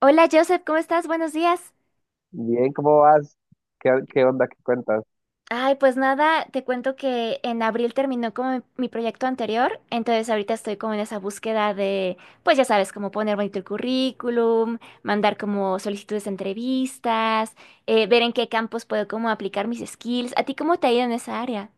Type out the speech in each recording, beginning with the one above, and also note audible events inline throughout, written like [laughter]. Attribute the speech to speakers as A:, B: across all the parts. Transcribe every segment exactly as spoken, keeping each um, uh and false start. A: Hola Joseph, ¿cómo estás? Buenos días.
B: Bien, ¿cómo vas? ¿Qué, qué onda? ¿Qué cuentas?
A: Ay, pues nada, te cuento que en abril terminó como mi mi proyecto anterior, entonces ahorita estoy como en esa búsqueda de, pues ya sabes, como poner bonito el currículum, mandar como solicitudes de entrevistas, eh, ver en qué campos puedo como aplicar mis skills. ¿A ti cómo te ha ido en esa área?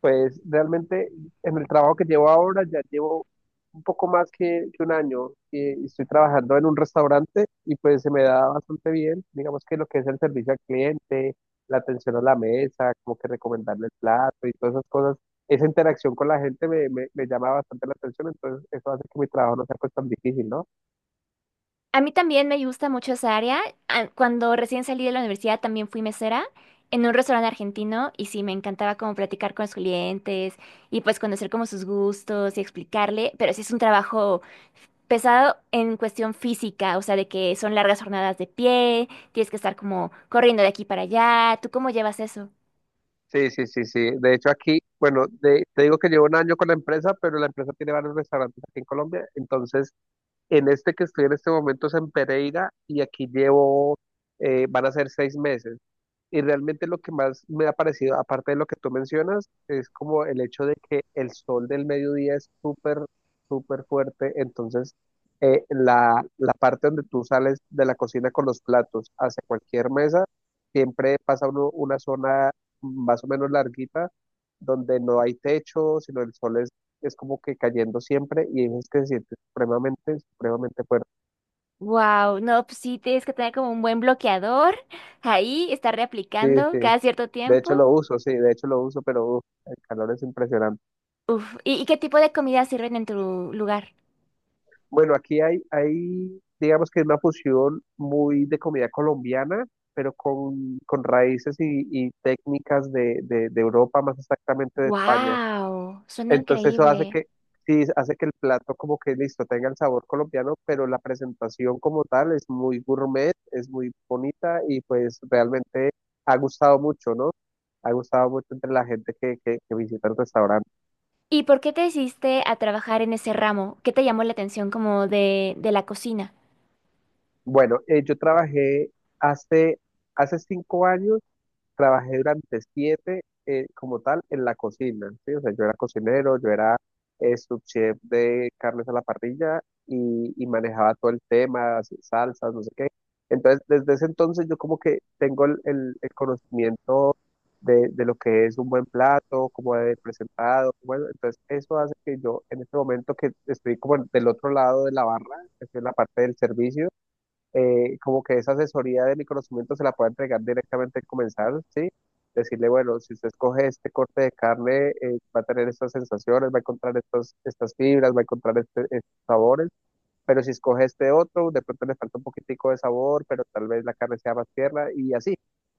B: Pues realmente en el trabajo que llevo ahora ya llevo un poco más que, que un año y, y estoy trabajando en un restaurante y pues se me da bastante bien, digamos que lo que es el servicio al cliente, la atención a la mesa, como que recomendarle el plato y todas esas cosas, esa interacción con la gente me, me, me llama bastante la atención, entonces eso hace que mi trabajo no sea pues tan difícil, ¿no?
A: A mí también me gusta mucho esa área. Ah, cuando recién salí de la universidad también fui mesera en un restaurante argentino y sí, me encantaba como platicar con los clientes y pues conocer como sus gustos y explicarle, pero sí es un trabajo pesado en cuestión física, o sea, de que son largas jornadas de pie, tienes que estar como corriendo de aquí para allá. ¿Tú cómo llevas eso?
B: Sí, sí, sí, sí. De hecho, aquí, bueno, de- te digo que llevo un año con la empresa, pero la empresa tiene varios restaurantes aquí en Colombia. Entonces, en este que estoy en este momento es en Pereira y aquí llevo, eh, van a ser seis meses. Y realmente lo que más me ha parecido, aparte de lo que tú mencionas, es como el hecho de que el sol del mediodía es súper, súper fuerte. Entonces, eh, la, la parte donde tú sales de la cocina con los platos hacia cualquier mesa, siempre pasa uno una zona más o menos larguita, donde no hay techo, sino el sol es, es como que cayendo siempre y es que se siente supremamente, supremamente fuerte.
A: Wow, no, pues sí, tienes que tener como un buen bloqueador ahí, estar
B: Sí,
A: reaplicando
B: sí.
A: cada cierto
B: De hecho
A: tiempo.
B: lo uso, sí, de hecho lo uso, pero uf, el calor es impresionante.
A: Uf, ¿y, y qué tipo de comida sirven en tu lugar?
B: Bueno, aquí hay, hay, digamos que es una fusión muy de comida colombiana, pero con, con raíces y, y técnicas de, de, de Europa, más exactamente de España.
A: Wow, suena
B: Entonces eso hace
A: increíble.
B: que, sí, hace que el plato como que listo, tenga el sabor colombiano, pero la presentación como tal es muy gourmet, es muy bonita y pues realmente ha gustado mucho, ¿no? Ha gustado mucho entre la gente que, que, que visita el restaurante.
A: ¿Y por qué te decidiste a trabajar en ese ramo? ¿Qué te llamó la atención como de, de la cocina?
B: Bueno, eh, yo trabajé hace, hace cinco años. Trabajé durante siete, eh, como tal en la cocina, ¿sí? O sea, yo era cocinero, yo era eh, subchef de carnes a la parrilla y, y manejaba todo el tema, así, salsas, no sé qué. Entonces, desde ese entonces yo como que tengo el, el- el conocimiento de, de lo que es un buen plato, cómo debe ser presentado, bueno, entonces eso hace que yo en este momento que estoy como del otro lado de la barra, que estoy en la parte del servicio, eh, como que esa asesoría de mi conocimiento se la pueda entregar directamente al comensal, ¿sí? Decirle, bueno, si usted escoge este corte de carne, eh, va a tener estas sensaciones, va a encontrar estos, estas fibras, va a encontrar este- estos sabores, pero si escoge este otro, de pronto le falta un poquitico de sabor, pero tal vez la carne sea más tierna y así.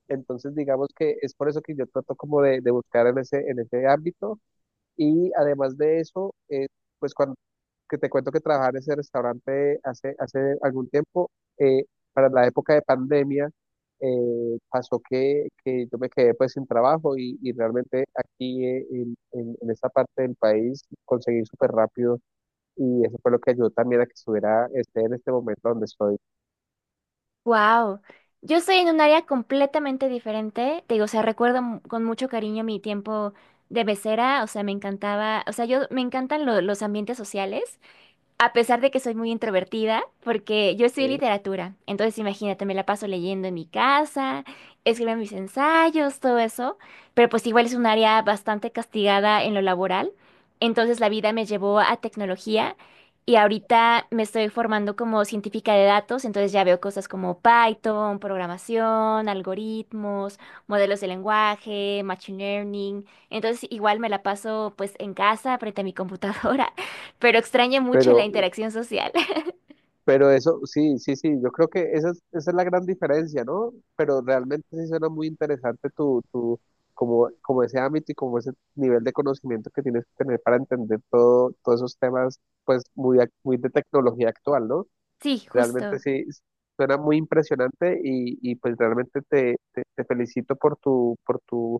B: Entonces, digamos que es por eso que yo trato como de, de buscar en ese, en ese ámbito y además de eso, eh, pues cuando que te cuento que trabajaba en ese restaurante hace, hace algún tiempo, eh, para la época de pandemia, eh, pasó que, que yo me quedé pues sin trabajo y, y realmente aquí eh, en, en, en esta parte del país conseguí súper rápido y eso fue lo que ayudó también a que estuviera este en este momento donde estoy.
A: Wow, yo estoy en un área completamente diferente. Te digo, o sea, recuerdo mu- con mucho cariño mi tiempo de becera, o sea, me encantaba, o sea, yo me encantan lo- los ambientes sociales. A pesar de que soy muy introvertida, porque yo estudié
B: ¿Sí?
A: literatura, entonces imagínate, me la paso leyendo en mi casa, escribiendo mis ensayos, todo eso, pero pues igual es un área bastante castigada en lo laboral, entonces la vida me llevó a tecnología y ahorita me estoy formando como científica de datos, entonces ya veo cosas como Python, programación, algoritmos, modelos de lenguaje, machine learning, entonces igual me la paso pues en casa frente a mi computadora pero extraña mucho
B: Pero
A: la interacción social. [laughs]
B: Pero eso, sí, sí, sí, yo creo que esa es, esa es la gran diferencia, ¿no? Pero realmente sí suena muy interesante tu, tu, como, como ese ámbito y como ese nivel de conocimiento que tienes que tener para entender todo, todos esos temas, pues muy, ac- muy de tecnología actual, ¿no?
A: Sí,
B: Realmente
A: justo.
B: sí, s- suena muy impresionante y, y pues realmente te, te, te felicito por tu, por tu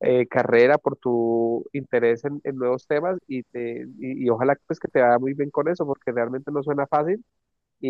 B: eh, carrera, por tu interés en, en nuevos temas y, te, y, y ojalá pues que te vaya muy bien con eso, porque realmente no suena fácil y,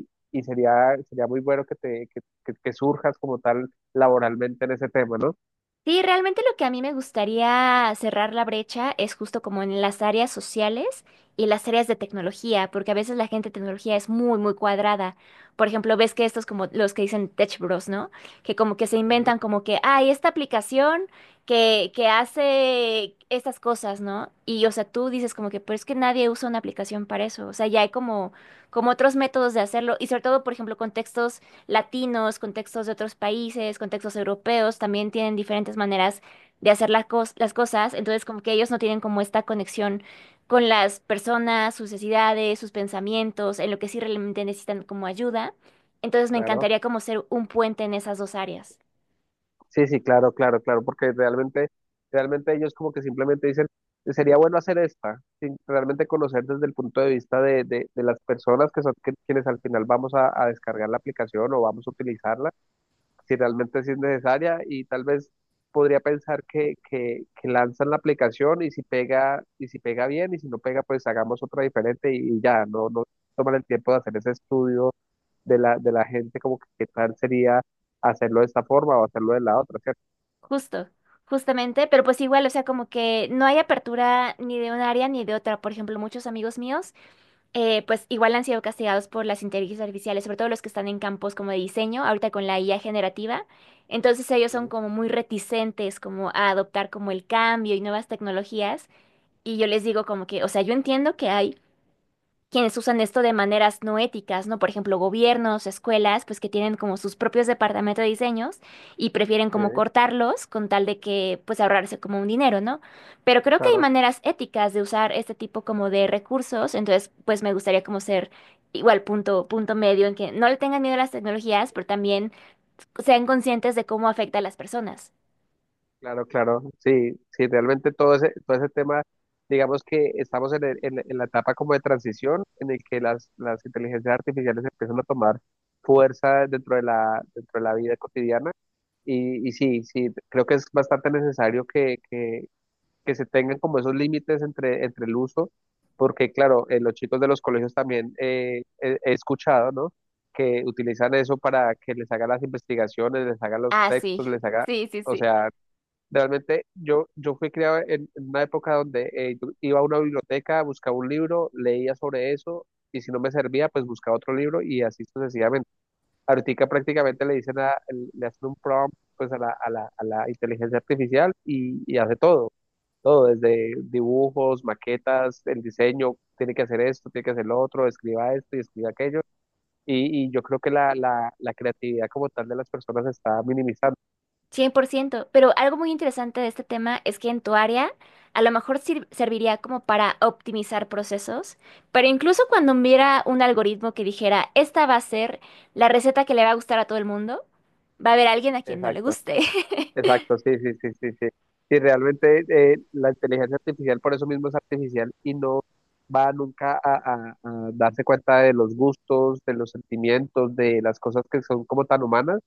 B: y- y sería, sería muy bueno que, te, que, que- que surjas como tal laboralmente en ese tema, ¿no?
A: Sí, realmente lo que a mí me gustaría cerrar la brecha es justo como en las áreas sociales y las áreas de tecnología, porque a veces la gente de tecnología es muy, muy cuadrada. Por ejemplo, ves que estos como los que dicen Tech Bros, ¿no? Que como que se
B: Sí,
A: inventan como que, ay, esta aplicación que, que hace estas cosas, ¿no? Y o sea, tú dices como que, pero es que nadie usa una aplicación para eso. O sea, ya hay como, como otros métodos de hacerlo y sobre todo, por ejemplo, contextos latinos, contextos de otros países, contextos europeos, también tienen diferentes maneras de hacer la cos- las cosas, entonces como que ellos no tienen como esta conexión con las personas, sus necesidades, sus pensamientos, en lo que sí realmente necesitan como ayuda. Entonces me
B: claro.
A: encantaría como ser un puente en esas dos áreas.
B: Sí, sí, claro, claro, claro, porque realmente, realmente ellos como que simplemente dicen, sería bueno hacer esta, sin realmente conocer desde el punto de vista de, de- de las personas que son que- quienes al final vamos a, a descargar la aplicación o vamos a utilizarla si realmente sí es necesaria y tal vez podría pensar que, que, que lanzan la aplicación y si pega, y si pega bien y si no pega, pues hagamos otra diferente y, y ya, no, no toman el tiempo de hacer ese estudio de la, de la gente como que qué tal sería hacerlo de esta forma o hacerlo de la otra, ¿cierto?
A: Justo, justamente, pero pues igual, o sea, como que no hay apertura ni de un área ni de otra. Por ejemplo, muchos amigos míos eh, pues igual han sido castigados por las inteligencias artificiales, sobre todo los que están en campos como de diseño, ahorita con la I A generativa. Entonces ellos son
B: Sí,
A: como muy reticentes como a adoptar como el cambio y nuevas tecnologías. Y yo les digo como que, o sea, yo entiendo que hay quienes usan esto de maneras no éticas, ¿no? Por ejemplo, gobiernos, escuelas, pues que tienen como sus propios departamentos de diseños y prefieren
B: sí,
A: como cortarlos con tal de que pues ahorrarse como un dinero, ¿no? Pero creo que hay
B: claro.
A: maneras éticas de usar este tipo como de recursos, entonces pues me gustaría como ser igual punto, punto medio en que no le tengan miedo a las tecnologías, pero también sean conscientes de cómo afecta a las personas.
B: Claro, claro, sí, sí, realmente todo ese, todo ese tema, digamos que estamos en, el- en- en la etapa como de transición en el que las, las inteligencias artificiales empiezan a tomar fuerza dentro de la, dentro de la vida cotidiana y, y sí, sí, creo que es bastante necesario que, que, que se tengan como esos límites entre, entre el uso, porque claro, eh, los chicos de los colegios también eh, he, he escuchado, ¿no? Que utilizan eso para que les hagan las investigaciones, les hagan los
A: Ah, sí,
B: textos, les
A: [laughs]
B: haga,
A: sí, sí,
B: o
A: sí.
B: sea. Realmente yo, yo fui criado en, en una época donde eh, yo iba a una biblioteca, buscaba un libro, leía sobre eso y si no me servía, pues buscaba otro libro y así sucesivamente. Ahorita prácticamente le dicen a, le hacen un prompt pues a la, a la, a la inteligencia artificial y, y hace todo, todo, desde dibujos, maquetas, el diseño, tiene que hacer esto, tiene que hacer lo otro, escriba esto y escriba aquello. Y, y yo creo que la, la, la creatividad como tal de las personas se está minimizando.
A: Cien por ciento, pero algo muy interesante de este tema es que en tu área a lo mejor sir- serviría como para optimizar procesos, pero incluso cuando hubiera un algoritmo que dijera, esta va a ser la receta que le va a gustar a todo el mundo, va a haber alguien a quien no le
B: Exacto.
A: guste. [laughs]
B: Exacto, sí, sí, sí, sí, sí. Y realmente eh, la inteligencia artificial por eso mismo es artificial y no va nunca a, a- a darse cuenta de los gustos, de los sentimientos, de las cosas que son como tan humanas.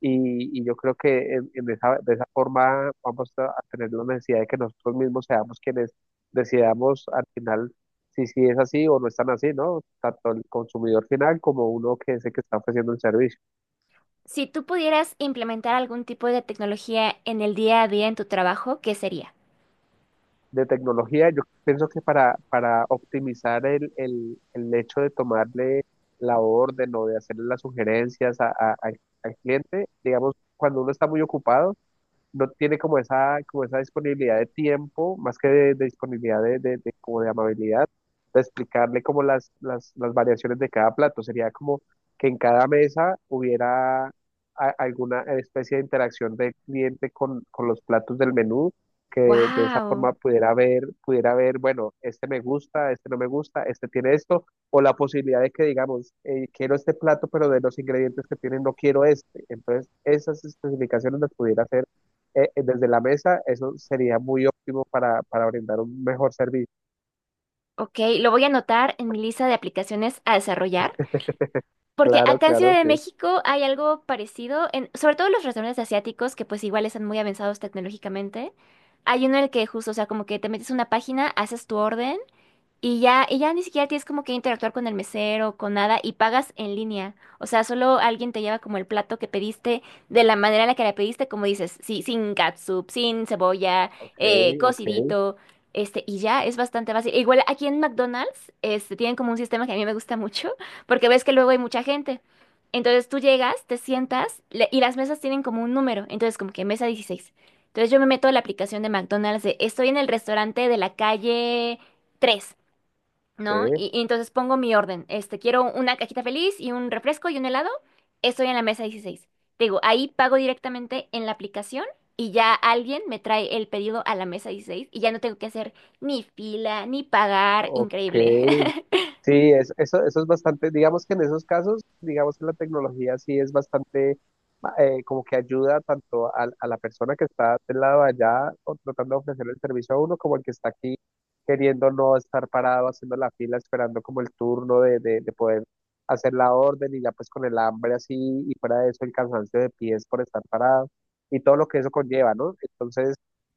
B: Y, y yo creo que en, en esa, de esa forma vamos a, a tener la necesidad de que nosotros mismos seamos quienes decidamos al final si sí es así o no es tan así, ¿no? Tanto el consumidor final como uno que es el que está ofreciendo el servicio.
A: Si tú pudieras implementar algún tipo de tecnología en el día a día en tu trabajo, ¿qué sería?
B: De tecnología, yo pienso que para, para optimizar el, el, el hecho de tomarle la orden o de hacerle las sugerencias a- a- al al cliente, digamos, cuando uno está muy ocupado, no tiene como esa, como esa disponibilidad de tiempo, más que de, de disponibilidad de, de- de- como de amabilidad, de explicarle como las, las, las variaciones de cada plato. Sería como que en cada mesa hubiera a- alguna especie de interacción del cliente con, con los platos del menú, que de esa
A: Wow,
B: forma pudiera ver, pudiera ver, bueno, este me gusta, este no me gusta, este tiene esto, o la posibilidad de que digamos, eh, quiero este plato, pero de los ingredientes que tienen no quiero este. Entonces, esas especificaciones las pudiera hacer eh, eh, desde la mesa, eso sería muy óptimo para, para brindar un mejor servicio.
A: ok, lo voy a anotar en mi lista de aplicaciones a desarrollar. Porque
B: Claro,
A: acá en
B: claro,
A: Ciudad de
B: sí.
A: México hay algo parecido, en, sobre todo en los restaurantes asiáticos, que pues igual están muy avanzados tecnológicamente. Hay uno en el que justo, o sea, como que te metes a una página, haces tu orden y ya, y ya ni siquiera tienes como que interactuar con el mesero, con nada, y pagas en línea. O sea, solo alguien te lleva como el plato que pediste, de la manera en la que la pediste, como dices, sí, sin catsup, sin cebolla,
B: Ok,
A: eh,
B: ok,
A: cocidito, este, y ya es bastante fácil. E igual aquí en McDonald's, este, tienen como un sistema que a mí me gusta mucho, [laughs] porque ves que luego hay mucha gente. Entonces tú llegas, te sientas, le- y las mesas tienen como un número, entonces como que mesa dieciséis. Entonces yo me meto a la aplicación de McDonald's de, estoy en el restaurante de la calle... tres,
B: sí.
A: ¿no? Y, y entonces pongo mi orden. Este, quiero una cajita feliz y un refresco y un helado. Estoy en la mesa dieciséis. Te digo, ahí pago directamente en la aplicación y ya alguien me trae el pedido a la mesa dieciséis y ya no tengo que hacer ni fila ni pagar.
B: Ok,
A: Increíble. [laughs]
B: sí, es- eso, eso es bastante, digamos que en esos casos, digamos que la tecnología sí es bastante, eh, como que ayuda tanto a, a la persona que está del lado de allá o tratando de ofrecer el servicio a uno, como el que está aquí queriendo no estar parado haciendo la fila, esperando como el turno de, de, de poder hacer la orden y ya pues con el hambre así y fuera de eso el cansancio de pies por estar parado y todo lo que eso conlleva, ¿no? Entonces...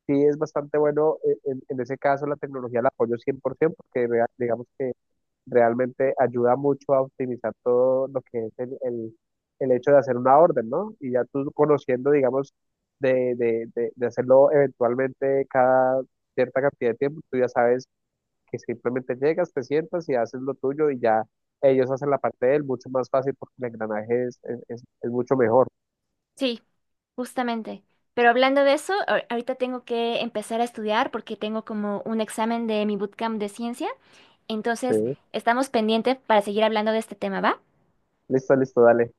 B: Sí, es bastante bueno eh, en, en ese caso la tecnología la apoyo cien por ciento porque rea- digamos que realmente ayuda mucho a optimizar todo lo que es el, el- el hecho de hacer una orden, ¿no? Y ya tú conociendo, digamos, de, de, de, de hacerlo eventualmente cada cierta cantidad de tiempo, tú ya sabes que simplemente llegas, te sientas y haces lo tuyo y ya ellos hacen la parte de él mucho más fácil porque el engranaje es, es, es- es mucho mejor,
A: Sí, justamente. Pero hablando de eso, ahor- ahorita tengo que empezar a estudiar porque tengo como un examen de mi bootcamp de ciencia.
B: ¿sí?
A: Entonces, estamos pendientes para seguir hablando de este tema, ¿va?
B: Listo, listo, dale.